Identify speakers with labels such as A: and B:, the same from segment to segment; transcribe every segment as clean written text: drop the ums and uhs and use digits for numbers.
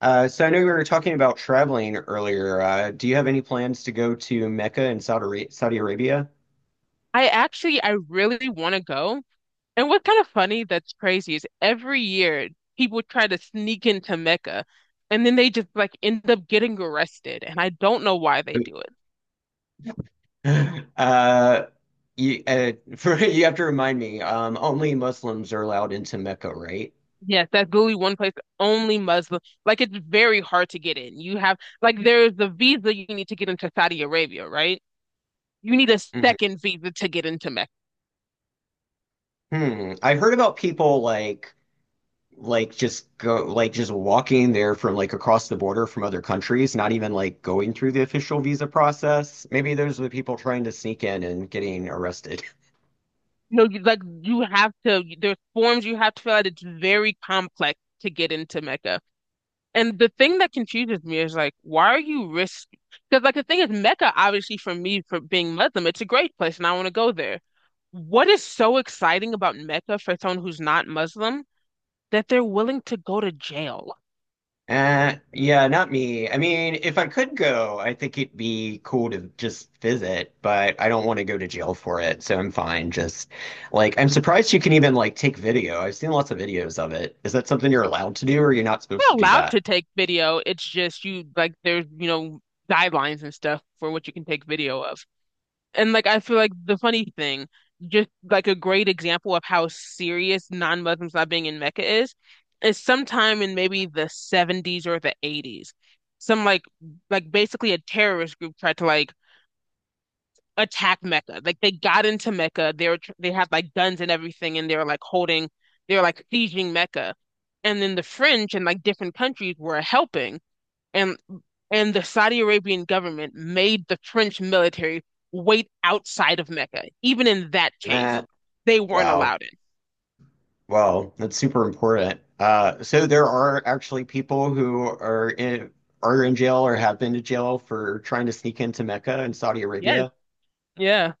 A: So I know we were talking about traveling earlier. Do you have any plans to go to Mecca in Saudi Arabia?
B: I really want to go. And what's kind of funny that's crazy is every year people try to sneak into Mecca and then they just like end up getting arrested. And I don't know why they do it.
A: Uh, you have to remind me, only Muslims are allowed into Mecca, right?
B: Yes, that's literally one place only Muslim. Like it's very hard to get in. You have like there's the visa you need to get into Saudi Arabia, right? You need a
A: Mhm.
B: second visa to get into Mecca.
A: Hmm. I've heard about people like just go like just walking there from like across the border from other countries, not even like going through the official visa process. Maybe those are the people trying to sneak in and getting arrested.
B: Like you have to, there's forms you have to fill out. It's very complex to get into Mecca. And the thing that confuses me is like, why are you risk? Because like the thing is, Mecca obviously for me for being Muslim, it's a great place, and I want to go there. What is so exciting about Mecca for someone who's not Muslim that they're willing to go to jail?
A: Yeah, not me. I mean, if I could go, I think it'd be cool to just visit, but I don't want to go to jail for it, so I'm fine. Just like I'm surprised you can even like take video. I've seen lots of videos of it. Is that something you're allowed to do, or you're not supposed to
B: We're
A: do
B: allowed to
A: that?
B: take video. It's just you like there's guidelines and stuff for what you can take video of. And like I feel like the funny thing, just like a great example of how serious non-Muslims not being in Mecca is sometime in maybe the 70s or the 80s, some like basically a terrorist group tried to like attack Mecca. Like they got into Mecca, they had like guns and everything, and they were like holding, they were like sieging Mecca, and then the French and like different countries were helping and and the Saudi Arabian government made the French military wait outside of Mecca. Even in that
A: Eh,
B: case, they weren't
A: wow.
B: allowed in.
A: Well, that's super important. So there are actually people who are in jail or have been to jail for trying to sneak into Mecca in Saudi
B: Yes,
A: Arabia.
B: yeah.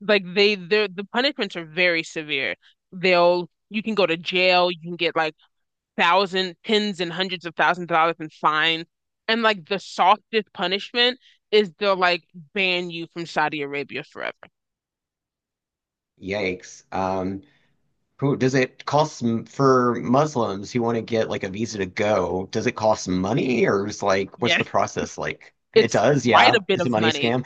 B: Like they the punishments are very severe. They'll you can go to jail, you can get like thousand tens and hundreds of thousands of dollars in fines. And like the softest punishment is they'll like ban you from Saudi Arabia forever.
A: Yikes. Who does it for Muslims who want to get like a visa to go? Does it cost money or is like what's the
B: Yes,
A: process like? It
B: it's
A: does,
B: quite
A: yeah.
B: a bit
A: It's a
B: of
A: money
B: money.
A: scam.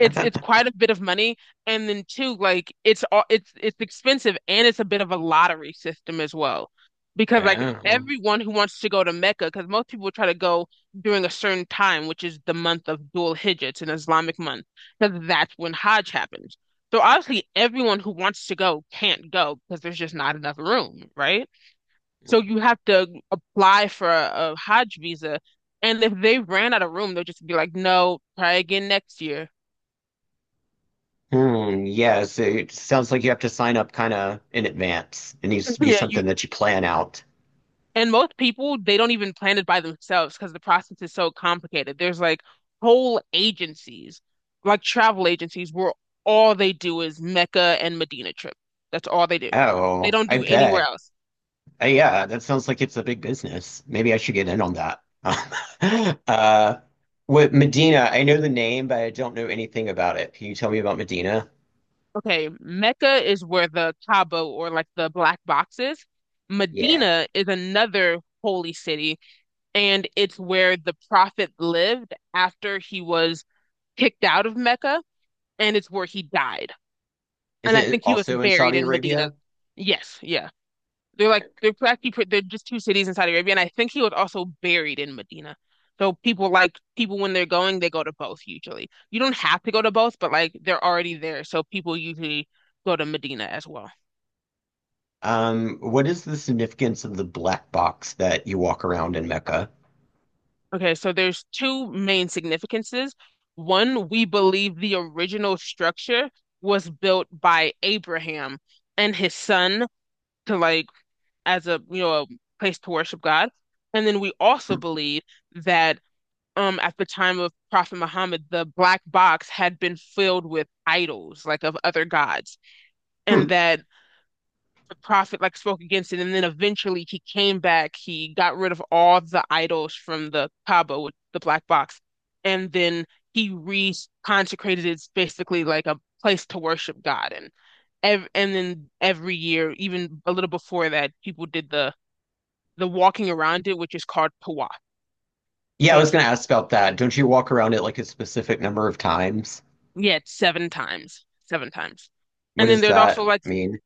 B: It's quite a bit of money, and then too like it's expensive and it's a bit of a lottery system as well because like
A: Oh.
B: everyone who wants to go to Mecca, because most people try to go during a certain time, which is the month of Dhul Hijjah. It's an Islamic month because that's when Hajj happens. So obviously everyone who wants to go can't go because there's just not enough room, right? So you have to apply for a Hajj visa, and if they ran out of room, they'll just be like, "No, try again next year."
A: Hmm, yeah, so it sounds like you have to sign up kind of in advance. It needs to be
B: yeah,
A: something
B: you.
A: that you plan out.
B: And most people, they don't even plan it by themselves because the process is so complicated. There's like whole agencies, like travel agencies, where all they do is Mecca and Medina trip. That's all they do. They
A: Oh,
B: don't
A: I
B: do anywhere
A: bet.
B: else.
A: Yeah, that sounds like it's a big business. Maybe I should get in on that. Uh, with Medina, I know the name, but I don't know anything about it. Can you tell me about Medina?
B: Okay, Mecca is where the Kaaba or like the black box is.
A: Yeah.
B: Medina is another holy city, and it's where the Prophet lived after he was kicked out of Mecca, and it's where he died.
A: Is
B: And I
A: it
B: think he was
A: also in
B: buried
A: Saudi
B: in Medina.
A: Arabia?
B: Yes, yeah. They're like they're just two cities in Saudi Arabia, and I think he was also buried in Medina. So people like people when they're going, they go to both usually. You don't have to go to both, but like they're already there, so people usually go to Medina as well.
A: What is the significance of the black box that you walk around in Mecca?
B: Okay, so there's two main significances. One, we believe the original structure was built by Abraham and his son to like as a a place to worship God. And then we also believe that at the time of Prophet Muhammad, the black box had been filled with idols, like of other gods, and
A: Hmm.
B: that the prophet like spoke against it. And then eventually he came back, he got rid of all the idols from the Kaaba with the black box, and then he re-consecrated it basically like a place to worship God. And ev and then every year, even a little before that, people did the walking around it, which is called Pawa.
A: Yeah,
B: So
A: I was
B: it's
A: gonna ask about that. Don't you walk around it like a specific number of times?
B: yeah, it's seven times, seven times.
A: What
B: And then
A: does
B: there's also
A: that
B: like
A: mean?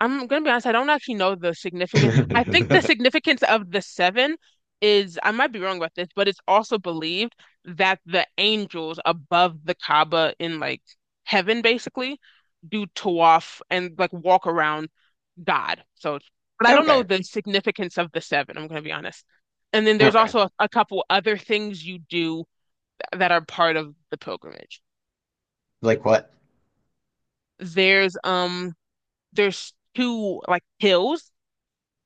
B: I'm gonna be honest, I don't actually know the significance. I think the significance of the seven is I might be wrong about this, but it's also believed that the angels above the Kaaba in like heaven basically do tawaf and like walk around God. So, but I don't know
A: Okay,
B: the significance of the seven, I'm gonna be honest. And then there's
A: okay.
B: also a couple other things you do that are part of the pilgrimage.
A: Like what?
B: There's um there's two like hills.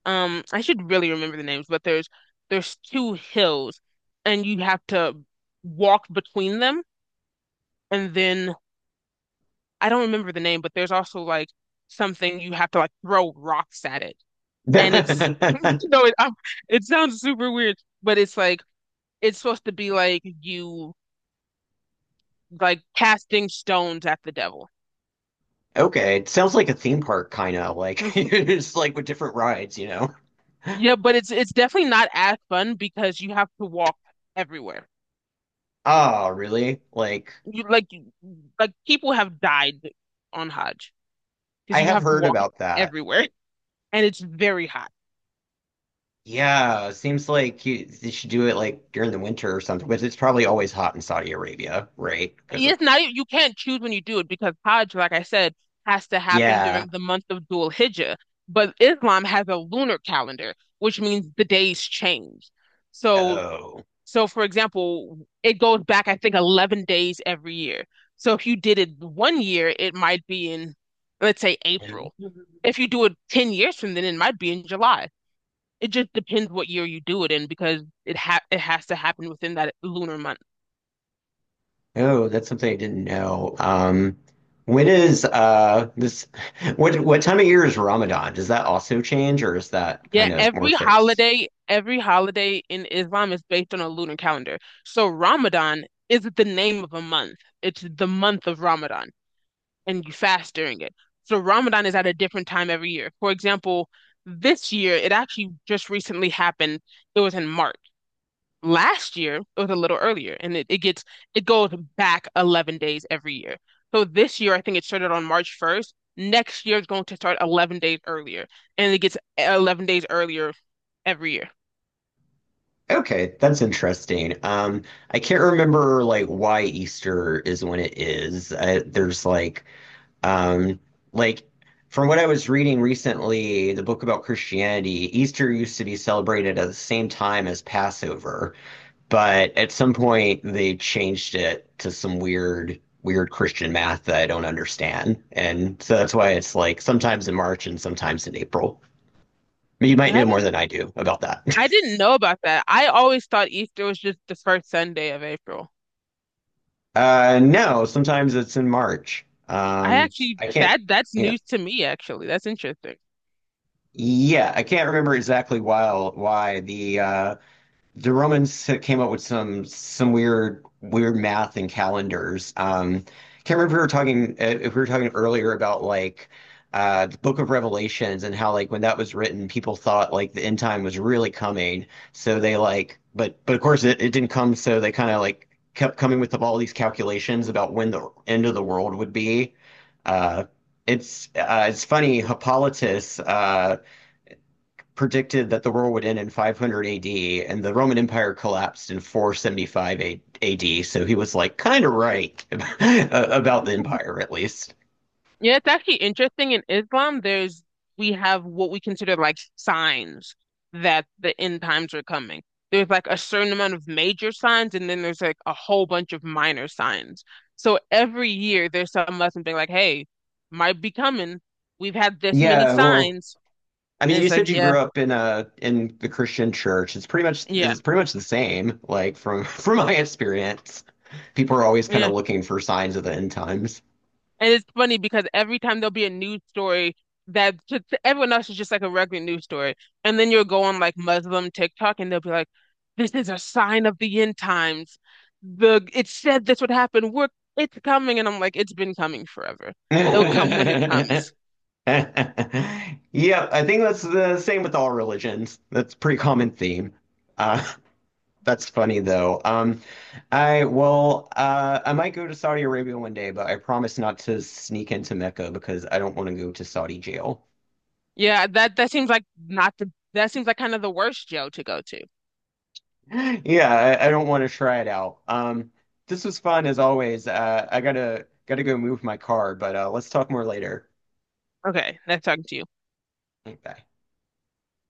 B: I should really remember the names, but there's two hills and you have to walk between them, and then I don't remember the name, but there's also like something you have to like throw rocks at it. And it's it sounds super weird, but it's like it's supposed to be like you like casting stones at the devil.
A: Okay, it sounds like a theme park kind of like it's like with different rides, you know.
B: Yeah, but it's definitely not as fun because you have to walk everywhere.
A: Oh, really? Like
B: You like you- like people have died on Hajj because
A: I
B: you
A: have
B: have to
A: heard
B: walk
A: about that.
B: everywhere and it's very hot.
A: Yeah, seems like you they should do it like during the winter or something, but it's probably always hot in Saudi Arabia, right? Because
B: It's not
A: it's
B: even, you can't choose when you do it because Hajj, like I said, has to happen
A: yeah.
B: during the month of Dhul Hijjah, but Islam has a lunar calendar, which means the days change. So
A: Oh.
B: So, for example, it goes back, I think, 11 days every year. So, if you did it one year, it might be in, let's say, April. If you do it 10 years from then, it might be in July. It just depends what year you do it in because it has to happen within that lunar month.
A: Oh, that's something I didn't know. When is this what time of year is Ramadan? Does that also change or is that
B: Yeah,
A: kind of more fixed?
B: every holiday in Islam is based on a lunar calendar. So Ramadan is the name of a month. It's the month of Ramadan, and you fast during it. So Ramadan is at a different time every year. For example, this year, it actually just recently happened. It was in March. Last year, it was a little earlier, and it gets it goes back 11 days every year. So this year, I think it started on March 1st. Next year, is going to start 11 days earlier, and it gets 11 days earlier every year.
A: Okay, that's interesting. I can't remember like why Easter is when it is. There's um, like from what I was reading recently, the book about Christianity, Easter used to be celebrated at the same time as Passover, but at some point they changed it to some weird Christian math that I don't understand, and so that's why it's like sometimes in March and sometimes in April. You might
B: And
A: know more than I do about that.
B: I didn't know about that. I always thought Easter was just the first Sunday of April.
A: No, sometimes it's in March.
B: I actually
A: I can't,
B: that that's
A: you know,
B: news to me actually. That's interesting.
A: yeah, I can't remember exactly why the Romans came up with some weird math and calendars. Can't remember if we were talking earlier about like the Book of Revelations and how like when that was written, people thought like the end time was really coming. So they like, but of course it didn't come. So they kind of like kept coming with all these calculations about when the end of the world would be. Uh, it's funny, Hippolytus, predicted that the world would end in 500 AD, and the Roman Empire collapsed in 475 AD. So he was like kind of right about the empire, at least.
B: Yeah, it's actually interesting. In Islam, there's we have what we consider like signs that the end times are coming. There's like a certain amount of major signs, and then there's like a whole bunch of minor signs. So every year there's some lesson being like, hey, might be coming. We've had this many
A: Yeah, well,
B: signs.
A: I
B: And
A: mean, you
B: it's like,
A: said you
B: yeah,
A: grew up in the Christian church.
B: yeah,
A: It's pretty much the same. Like from from my experience, people are always kind of
B: yeah.
A: looking for signs of the end times.
B: And it's funny because every time there'll be a news story that to everyone else is just like a regular news story. And then you'll go on like Muslim TikTok and they'll be like, this is a sign of the end times. The it said this would happen. We're it's coming. And I'm like, it's been coming forever. It'll come when it comes.
A: Yeah, I think that's the same with all religions. That's a pretty common theme. Uh, That's funny though. I Well, I might go to Saudi Arabia one day, but I promise not to sneak into Mecca because I don't want to go to Saudi jail.
B: Yeah, that seems like not the that seems like kind of the worst jail to go to.
A: Yeah, I don't want to try it out. This was fun as always. I gotta gotta go move my car, but let's talk more later.
B: Okay, nice talking to you.
A: Bye.